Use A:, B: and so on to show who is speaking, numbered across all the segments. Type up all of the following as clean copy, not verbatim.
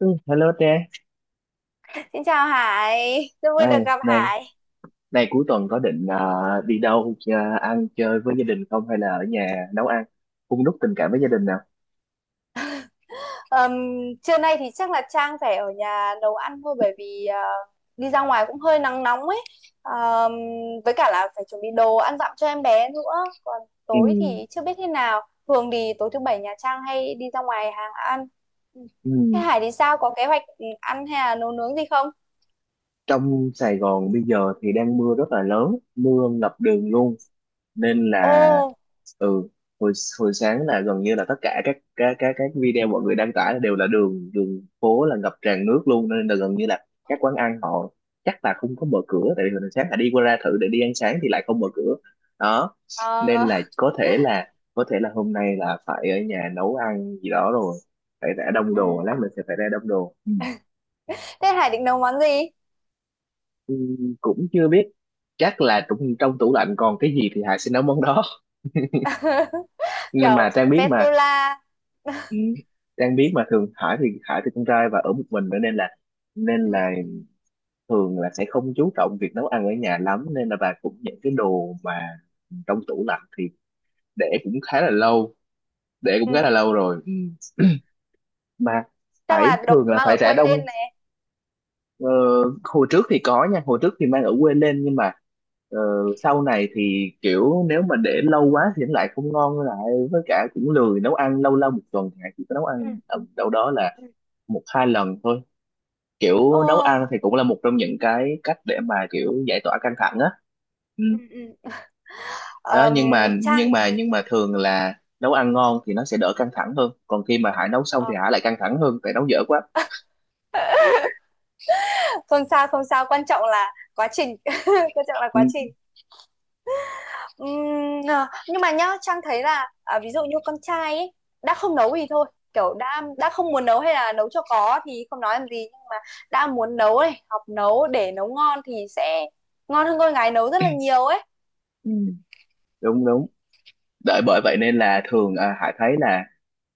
A: Ừ, Hello Trang,
B: Xin chào Hải, rất vui được
A: này,
B: gặp
A: này,
B: Hải.
A: này, cuối tuần có định đi đâu à, ăn chơi với gia đình không hay là ở nhà nấu ăn, hun đúc tình cảm với gia đình nào?
B: Ờm, Trưa nay thì chắc là Trang phải ở nhà nấu ăn thôi bởi vì đi ra ngoài cũng hơi nắng nóng ấy. Ờm, với cả là phải chuẩn bị đồ ăn dặm cho em bé nữa. Còn
A: Ừ.
B: tối thì chưa biết thế nào. Thường thì tối thứ bảy nhà Trang hay đi ra ngoài hàng ăn. Ừ.
A: Ừ.
B: Thế Hải thì sao? Có kế hoạch ăn hay là nấu nướng gì không?
A: Trong Sài Gòn bây giờ thì đang mưa rất là lớn, mưa ngập đường
B: Ừ.
A: luôn. Nên là
B: Ồ.
A: ừ hồi hồi sáng là gần như là tất cả các video mọi người đăng tải đều là đường đường phố là ngập tràn nước luôn, nên là gần như là các quán ăn họ chắc là không có mở cửa, tại vì hồi sáng là đi qua ra thử để đi ăn sáng thì lại không mở cửa đó.
B: ờ,
A: Nên là có thể là hôm nay là phải ở nhà nấu ăn gì đó rồi, phải ra đông
B: ừ.
A: đồ, lát mình sẽ phải ra đông đồ. Ừ.
B: Thế Hải định nấu món gì?
A: Ừ, cũng chưa biết, chắc là trong tủ lạnh còn cái gì thì Hải sẽ nấu món đó. Nhưng
B: Kiểu
A: mà Trang biết mà.
B: vetula.
A: Ừ. Đang biết mà thường Hải thì con trai và ở một mình nữa nên là nên
B: Ừ.
A: là thường là sẽ không chú trọng việc nấu ăn ở nhà lắm, nên là bà cũng những cái đồ mà trong tủ lạnh thì để cũng khá là lâu để
B: Ừ.
A: cũng khá là
B: Ừ.
A: lâu rồi. Ừ. Mà
B: Trang
A: Hải
B: là được
A: thường là
B: mang
A: phải
B: ở
A: rã
B: quê lên
A: đông.
B: này.
A: ờ, Hồi trước thì có nha, hồi trước thì mang ở quê lên nhưng mà ờ, sau này thì kiểu nếu mà để lâu quá thì nó lại không ngon lại, với cả cũng lười nấu ăn. Lâu lâu một tuần thì Hải chỉ có nấu
B: Ừ,
A: ăn ở đâu đó là
B: ừ.
A: một hai lần thôi.
B: Ồ,
A: Kiểu nấu ăn thì cũng là một trong những cái cách để mà kiểu giải tỏa căng thẳng á. Ừ.
B: ừ, ừ.
A: Đó,
B: ờm,
A: nhưng mà nhưng
B: Trang
A: mà
B: thì
A: nhưng mà thường là nấu ăn ngon thì nó sẽ đỡ căng thẳng hơn, còn khi mà Hải nấu xong thì
B: ờ,
A: Hải lại căng thẳng hơn tại nấu dở quá.
B: không sao không sao, quan trọng là quá trình. Quan trọng là quá
A: Ừ.
B: trình. À, nhưng mà nhá, Trang thấy là à, ví dụ như con trai ấy, đã không nấu thì thôi, kiểu đã không muốn nấu hay là nấu cho có thì không nói làm gì, nhưng mà đã muốn nấu này, học nấu để nấu ngon thì sẽ ngon hơn con gái nấu rất là nhiều ấy.
A: Ừ.
B: Ừ.
A: Đúng đúng đợi,
B: Ừ.
A: bởi vậy nên là thường à, Hải thấy là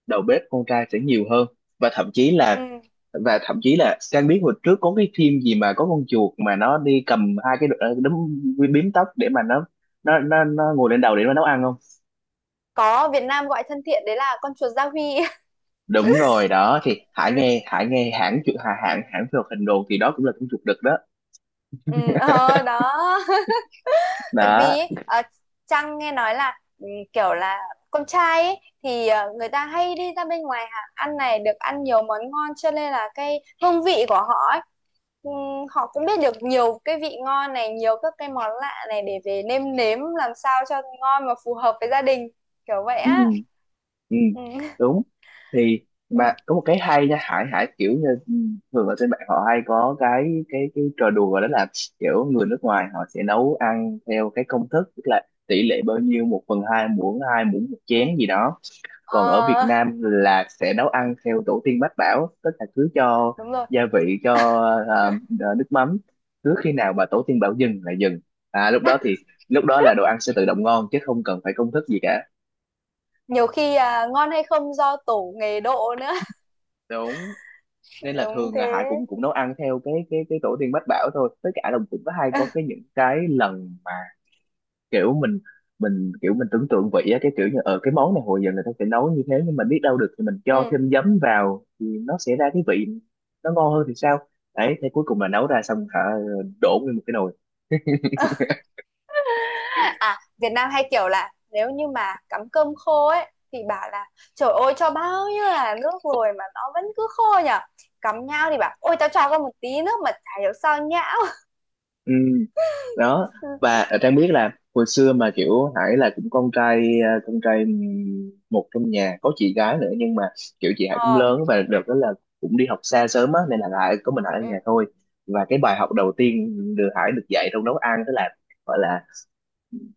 A: đầu bếp con trai sẽ nhiều hơn. và thậm chí là
B: Ừ.
A: và thậm chí là Trang biết hồi trước có cái phim gì mà có con chuột mà nó đi cầm hai cái đấm bím tóc để mà nó ngồi lên đầu để nó nấu ăn không?
B: Có Việt Nam gọi thân thiện đấy là con chuột gia huy.
A: Đúng rồi đó, thì Hải nghe Hải nghe hãng chụp hãng hãng hãng phim hoạt hình đồ thì đó cũng là cũng chụp được đó.
B: Ừ, ờ, đó. Tại
A: Đó.
B: vì ờ, Trang nghe nói là kiểu là con trai ấy, thì người ta hay đi ra bên ngoài hàng ăn này, được ăn nhiều món ngon cho nên là cái hương vị của họ ấy, ừ, họ cũng biết được nhiều cái vị ngon này, nhiều các cái món lạ này để về nêm nếm làm sao cho ngon mà phù hợp với gia đình, kiểu vậy
A: Ừ,
B: á.
A: ừ,
B: Ừ,
A: đúng thì
B: ừ,
A: mà có một cái hay nha Hải. Kiểu như Ừ. Thường ở trên mạng họ hay có cái trò đùa đó là kiểu người nước ngoài họ sẽ nấu ăn theo cái công thức, tức là tỷ lệ bao nhiêu một phần hai muỗng, hai muỗng một
B: ừ.
A: chén gì đó. Còn ở Việt
B: Ờ,
A: Nam là sẽ nấu ăn theo tổ tiên mách bảo, tức là cứ cho
B: đúng rồi.
A: gia vị, cho ờ, nước mắm, cứ khi nào mà tổ tiên bảo dừng là dừng. À, lúc đó là đồ ăn sẽ tự động ngon chứ không cần phải công thức gì cả.
B: Nhiều khi à, ngon hay không do tổ nghề độ nữa.
A: Đúng. Nên là
B: Đúng
A: thường là Hải
B: thế.
A: cũng cũng nấu ăn theo cái tổ tiên mách bảo thôi, tất cả là cũng có hay có cái những cái lần mà kiểu mình kiểu mình tưởng tượng vị á, cái kiểu như ở cái món này hồi giờ người ta sẽ nấu như thế nhưng mà biết đâu được thì mình cho
B: Ừ.
A: thêm giấm vào thì nó sẽ ra cái vị nó ngon hơn thì sao. Đấy thế cuối cùng là nấu ra xong hả, đổ nguyên một cái nồi.
B: À, Việt Nam hay kiểu là nếu như mà cắm cơm khô ấy thì bảo là trời ơi cho bao nhiêu là nước rồi mà nó vẫn cứ khô nhở, cắm nhau thì bảo ôi tao cho con một tí nước mà chả hiểu sao nhão.
A: Ừ, đó. Và ờ, Trang biết là hồi xưa mà kiểu Hải là cũng con trai một, trong nhà có chị gái nữa nhưng mà kiểu chị Hải cũng
B: Ờ.
A: lớn và đợt đó là cũng đi học xa sớm á, nên là Hải có mình Hải ở nhà
B: Ừ.
A: thôi. Và cái bài học đầu tiên được Hải được dạy trong nấu ăn đó là gọi là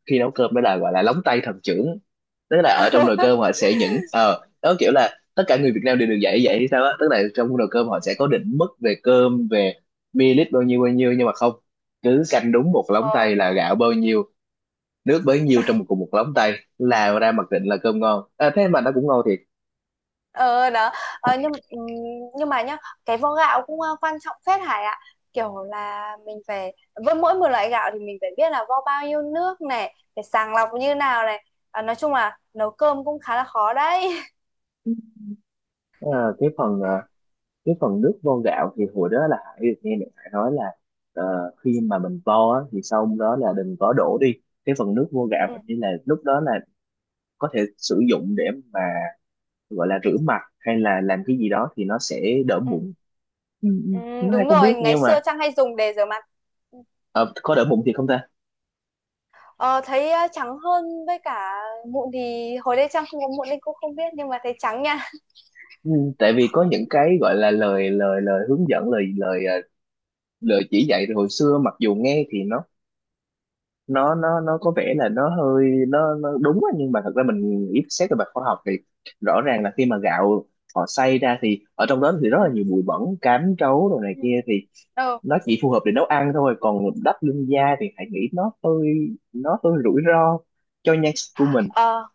A: khi nấu cơm đó là gọi là lóng tay thần trưởng, tức là ở trong nồi cơm họ sẽ những ờ đó kiểu là tất cả người Việt Nam đều được dạy vậy hay sao á, tức là trong nồi cơm
B: Ừ.
A: họ sẽ có định mức về cơm, về ml bao nhiêu nhưng mà không, cứ canh đúng một lóng
B: Ờ,
A: tay là gạo bao nhiêu nước bấy nhiêu, trong một cùng một lóng tay là ra mặc định là cơm ngon. À, thế mà nó cũng ngon thiệt.
B: ờ, đó. Nhưng nhưng mà nhá, cái vo gạo cũng quan trọng phết Hải ạ, kiểu là mình phải, với mỗi một loại gạo thì mình phải biết là vo bao nhiêu nước này, phải sàng lọc như nào này. Ờ, nói chung là nấu cơm cũng khá là khó đấy.
A: À, cái phần à, cái phần nước vo gạo thì hồi đó là Hải được nghe mẹ Hải nói là ờ, khi mà mình vo á, thì sau đó là đừng có đổ đi, cái phần nước vo gạo
B: Ừ.
A: hình như là lúc đó là có thể sử dụng để mà gọi là rửa mặt hay là làm cái gì đó thì nó sẽ đỡ
B: Ừ.
A: mụn. ừ, ừ,
B: Ừ.
A: nó ai
B: Đúng
A: cũng
B: rồi,
A: biết
B: ngày
A: nhưng
B: xưa
A: mà
B: Trang hay dùng để rửa mặt. Ừ.
A: ờ, có đỡ mụn thì không ta.
B: ờ, Thấy trắng hơn, với cả mụn thì hồi đấy Trang không có mụn nên cũng không biết, nhưng mà thấy trắng nha.
A: Ừ, tại vì có những cái gọi là lời lời lời hướng dẫn, lời lời ờ, lời chỉ dạy từ hồi xưa, mặc dù nghe thì nó có vẻ là nó hơi nó đúng á, nhưng mà thật ra mình ít xét về mặt khoa học thì rõ ràng là khi mà gạo họ xay ra thì ở trong đó thì rất
B: Ừ.
A: là nhiều bụi bẩn, cám trấu đồ này
B: Ừ.
A: kia, thì
B: Ờ,
A: nó chỉ phù hợp để nấu ăn thôi còn đắp lưng da thì hãy nghĩ nó hơi rủi ro cho nhan sắc của mình.
B: ờ,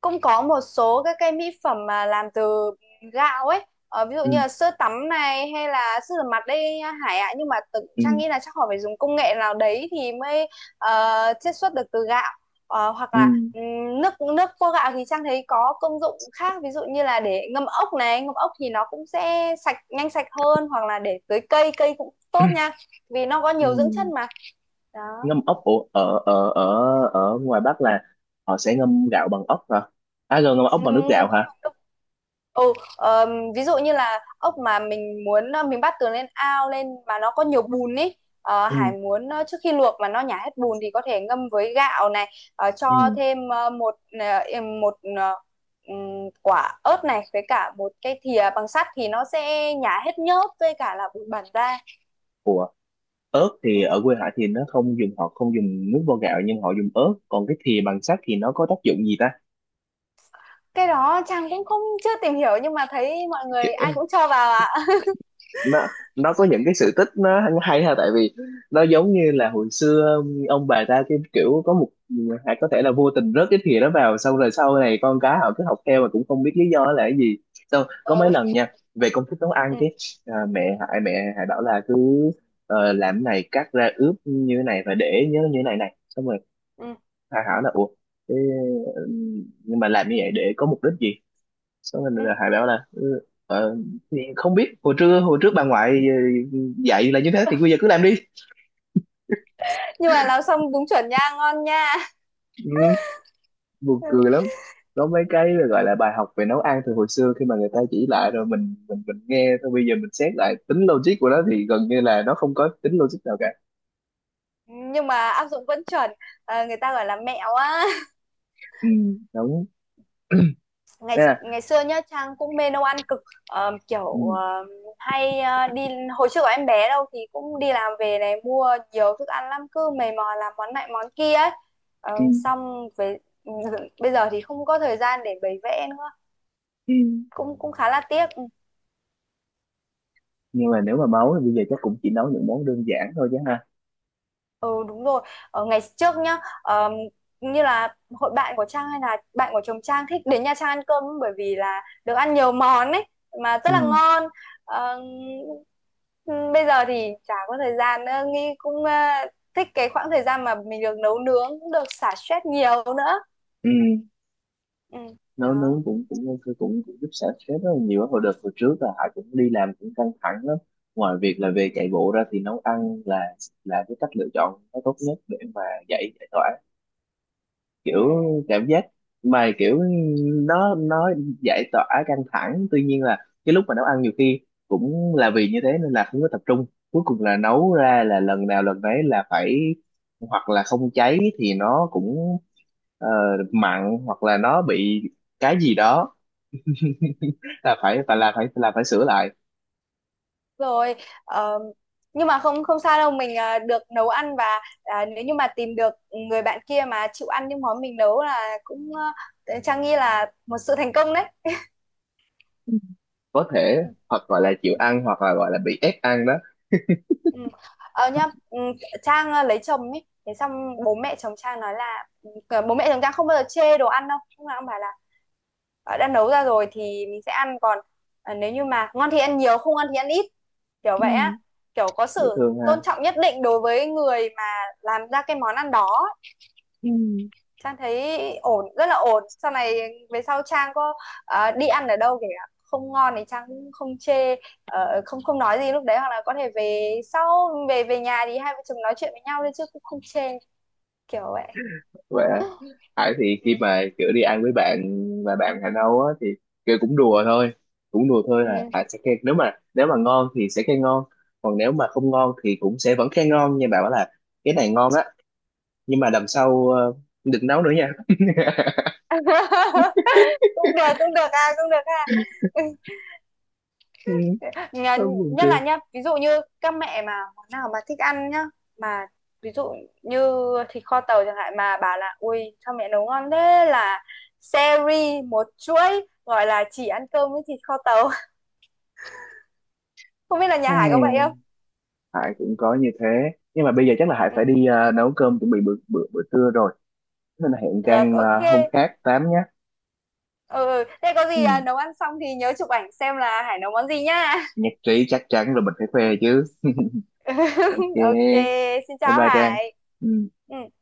B: cũng có một số các cái mỹ phẩm mà làm từ gạo ấy, ví dụ
A: Ừ,
B: như là sữa tắm này hay là sữa rửa mặt đây Hải ạ, nhưng mà tự Trang
A: ừ,
B: nghĩ là chắc họ phải dùng công nghệ nào đấy thì mới chiết xuất được từ gạo. Ờ, hoặc
A: ừ,
B: là nước nước vo gạo thì Trang thấy có công dụng khác, ví dụ như là để ngâm ốc này, ngâm ốc thì nó cũng sẽ sạch nhanh, sạch hơn, hoặc là để tưới cây, cây cũng tốt nha, vì nó có
A: ừ.
B: nhiều dưỡng chất mà. Đó.
A: Ngâm ốc, ở ở ở ở ở ngoài Bắc là họ sẽ ngâm gạo bằng ốc hả? À rồi ngâm ốc bằng nước
B: ngâm
A: gạo
B: ngâm ốc
A: hả?
B: vào nước. ừ, ờm, Ví dụ như là ốc mà mình muốn mình bắt từ lên ao lên mà nó có nhiều bùn ấy, Hải
A: Ừ,
B: muốn trước khi luộc mà nó nhả hết bùn thì có thể ngâm với gạo này, cho
A: ừ.
B: thêm một một quả ớt này với cả một cái thìa bằng sắt thì nó sẽ nhả hết nhớp với cả là bụi bẩn ra.
A: Ủa, ớt thì
B: Ừ.
A: ở quê Hải thì nó không dùng, họ không dùng nước vo gạo nhưng họ dùng ớt, còn cái thìa bằng sắt thì nó có tác dụng gì ta?
B: Cái đó Trang cũng không, chưa tìm hiểu, nhưng mà thấy mọi người ai cũng cho vào ạ.
A: nó nó có những cái sự tích nó hay ha, tại vì nó giống như là hồi xưa ông bà ta cái kiểu có một, hay có thể là vô tình rớt cái thìa đó vào xong rồi sau này con cái họ cứ học theo mà cũng không biết lý do là cái gì. Xong có mấy
B: Ừ.
A: lần nha về công thức nấu ăn cái à, mẹ hại bảo là cứ làm cái này cắt ra ướp như thế này và để nhớ như thế này này, xong rồi
B: Ừ.
A: hại hỏi là ủa thế, ừ, nhưng mà làm như vậy để có mục đích gì. Xong mình
B: Ừ.
A: là Hải bảo là ờ, thì không biết hồi trước bà ngoại dạy là như thế thì bây giờ cứ làm đi.
B: Nhưng mà làm xong đúng chuẩn nha, ngon nha.
A: ừ, Buồn cười lắm. Có mấy cái gọi là bài học về nấu ăn từ hồi xưa khi mà người ta chỉ lại rồi mình nghe thôi, bây giờ mình xét lại tính logic của nó thì gần như là nó không có tính logic nào cả.
B: Nhưng mà áp dụng vẫn chuẩn. Ờ, người ta gọi là mẹo á.
A: Ừ, đúng.
B: ngày
A: Thế là
B: ngày xưa nhá Trang cũng mê nấu ăn cực. Ờ, kiểu
A: ừ,
B: hay đi, hồi trước của em bé đâu thì cũng đi làm về này, mua nhiều thức ăn lắm, cứ mày mò làm món này món kia ấy. Ờ,
A: ừ,
B: xong về, bây giờ thì không có thời gian để bày vẽ nữa.
A: ừ.
B: Cũng cũng khá là tiếc.
A: Nhưng mà nếu mà máu thì bây giờ chắc cũng chỉ nấu những món đơn giản thôi chứ ha.
B: Ừ, đúng rồi. Ở ngày trước nhá, như là hội bạn của Trang hay là bạn của chồng Trang thích đến Nha Trang ăn cơm bởi vì là được ăn nhiều món ấy mà rất là
A: Ừ,
B: ngon. Ờm, bây giờ thì chả có thời gian nữa, Nghi cũng thích cái khoảng thời gian mà mình được nấu nướng, được xả stress nhiều nữa.
A: ừ.
B: Ừ.
A: Nấu nướng
B: Đó.
A: cũng cũng ok, cũng, cũng giúp xả stress rất là nhiều á. Hồi đợt hồi trước là Hải cũng đi làm cũng căng thẳng lắm, ngoài việc là về chạy bộ ra thì nấu ăn là cái cách lựa chọn nó tốt nhất để mà giải giải tỏa
B: Ừ.
A: kiểu cảm giác mà kiểu nó giải tỏa căng thẳng. Tuy nhiên là cái lúc mà nấu ăn nhiều khi cũng là vì như thế nên là không có tập trung, cuối cùng là nấu ra là lần nào lần đấy là phải, hoặc là không cháy thì nó cũng ờ, mặn hoặc là nó bị cái gì đó, là phải phải là phải là phải sửa lại.
B: Rồi ờ, nhưng mà không, không sao đâu, mình à, được nấu ăn và à, nếu như mà tìm được người bạn kia mà chịu ăn những món mình nấu là cũng ờ, ờ, Trang nghĩ là một sự thành công đấy.
A: Có thể
B: Ừ.
A: hoặc gọi là chịu ăn hoặc là gọi là bị ép ăn đó.
B: Ừ. Ờ nhá, Trang lấy chồng ấy, thế xong bố mẹ chồng Trang nói là bố mẹ chồng Trang không bao giờ chê đồ ăn đâu, lúc nào cũng bảo là đã nấu ra rồi thì mình sẽ ăn, còn nếu như mà ngon thì ăn nhiều, không ngon thì ăn ít, kiểu vậy
A: Ừ,
B: á. Kiểu có
A: dễ
B: sự
A: thương ha.
B: tôn trọng nhất định đối với người mà làm ra cái món ăn đó.
A: Ừ,
B: Trang thấy ổn, rất là ổn. Sau này, về sau Trang có đi ăn ở đâu kể cả không ngon thì Trang cũng không chê, không, không nói gì lúc đấy, hoặc là có thể về sau, về về nhà thì hai vợ chồng nói chuyện với nhau thôi chứ cũng không chê, kiểu vậy.
A: vậy à. Hải thì khi
B: Ừ.
A: mà kiểu đi ăn với bạn và bạn Hà Nâu á thì kiểu cũng đùa thôi
B: Ừ.
A: là Hải sẽ khen, nếu mà ngon thì sẽ khen ngon, còn nếu mà không ngon thì cũng sẽ vẫn khen ngon nhưng bảo là cái này ngon á, nhưng mà lần sau đừng nấu nữa nha.
B: Cũng được, cũng được, à cũng được. À,
A: Ôi, buồn
B: nhất là
A: cười.
B: nhá, ví dụ như các mẹ mà món nào mà thích ăn nhá, mà ví dụ như thịt kho tàu chẳng hạn, mà bà là ui sao mẹ nấu ngon thế, là series, một chuỗi gọi là chỉ ăn cơm với thịt kho tàu. Không biết là nhà Hải có vậy
A: Ai,
B: không.
A: Hải cũng có như thế, nhưng mà bây giờ chắc là Hải
B: Ừ,
A: phải đi nấu cơm chuẩn bị bữa bữa bữa trưa rồi. Nên là hẹn
B: được,
A: Trang
B: ok.
A: à, hôm khác tám nhé.
B: Ừ, ừ. Thế có
A: Ừ.
B: gì à, nấu ăn xong thì nhớ chụp ảnh xem là Hải nấu món gì nhá.
A: Nhạc trí chắc chắn là mình phải khoe chứ. Ok.
B: Ok.
A: Bye
B: Xin chào
A: bye Trang.
B: Hải.
A: Ừ.
B: Ừ.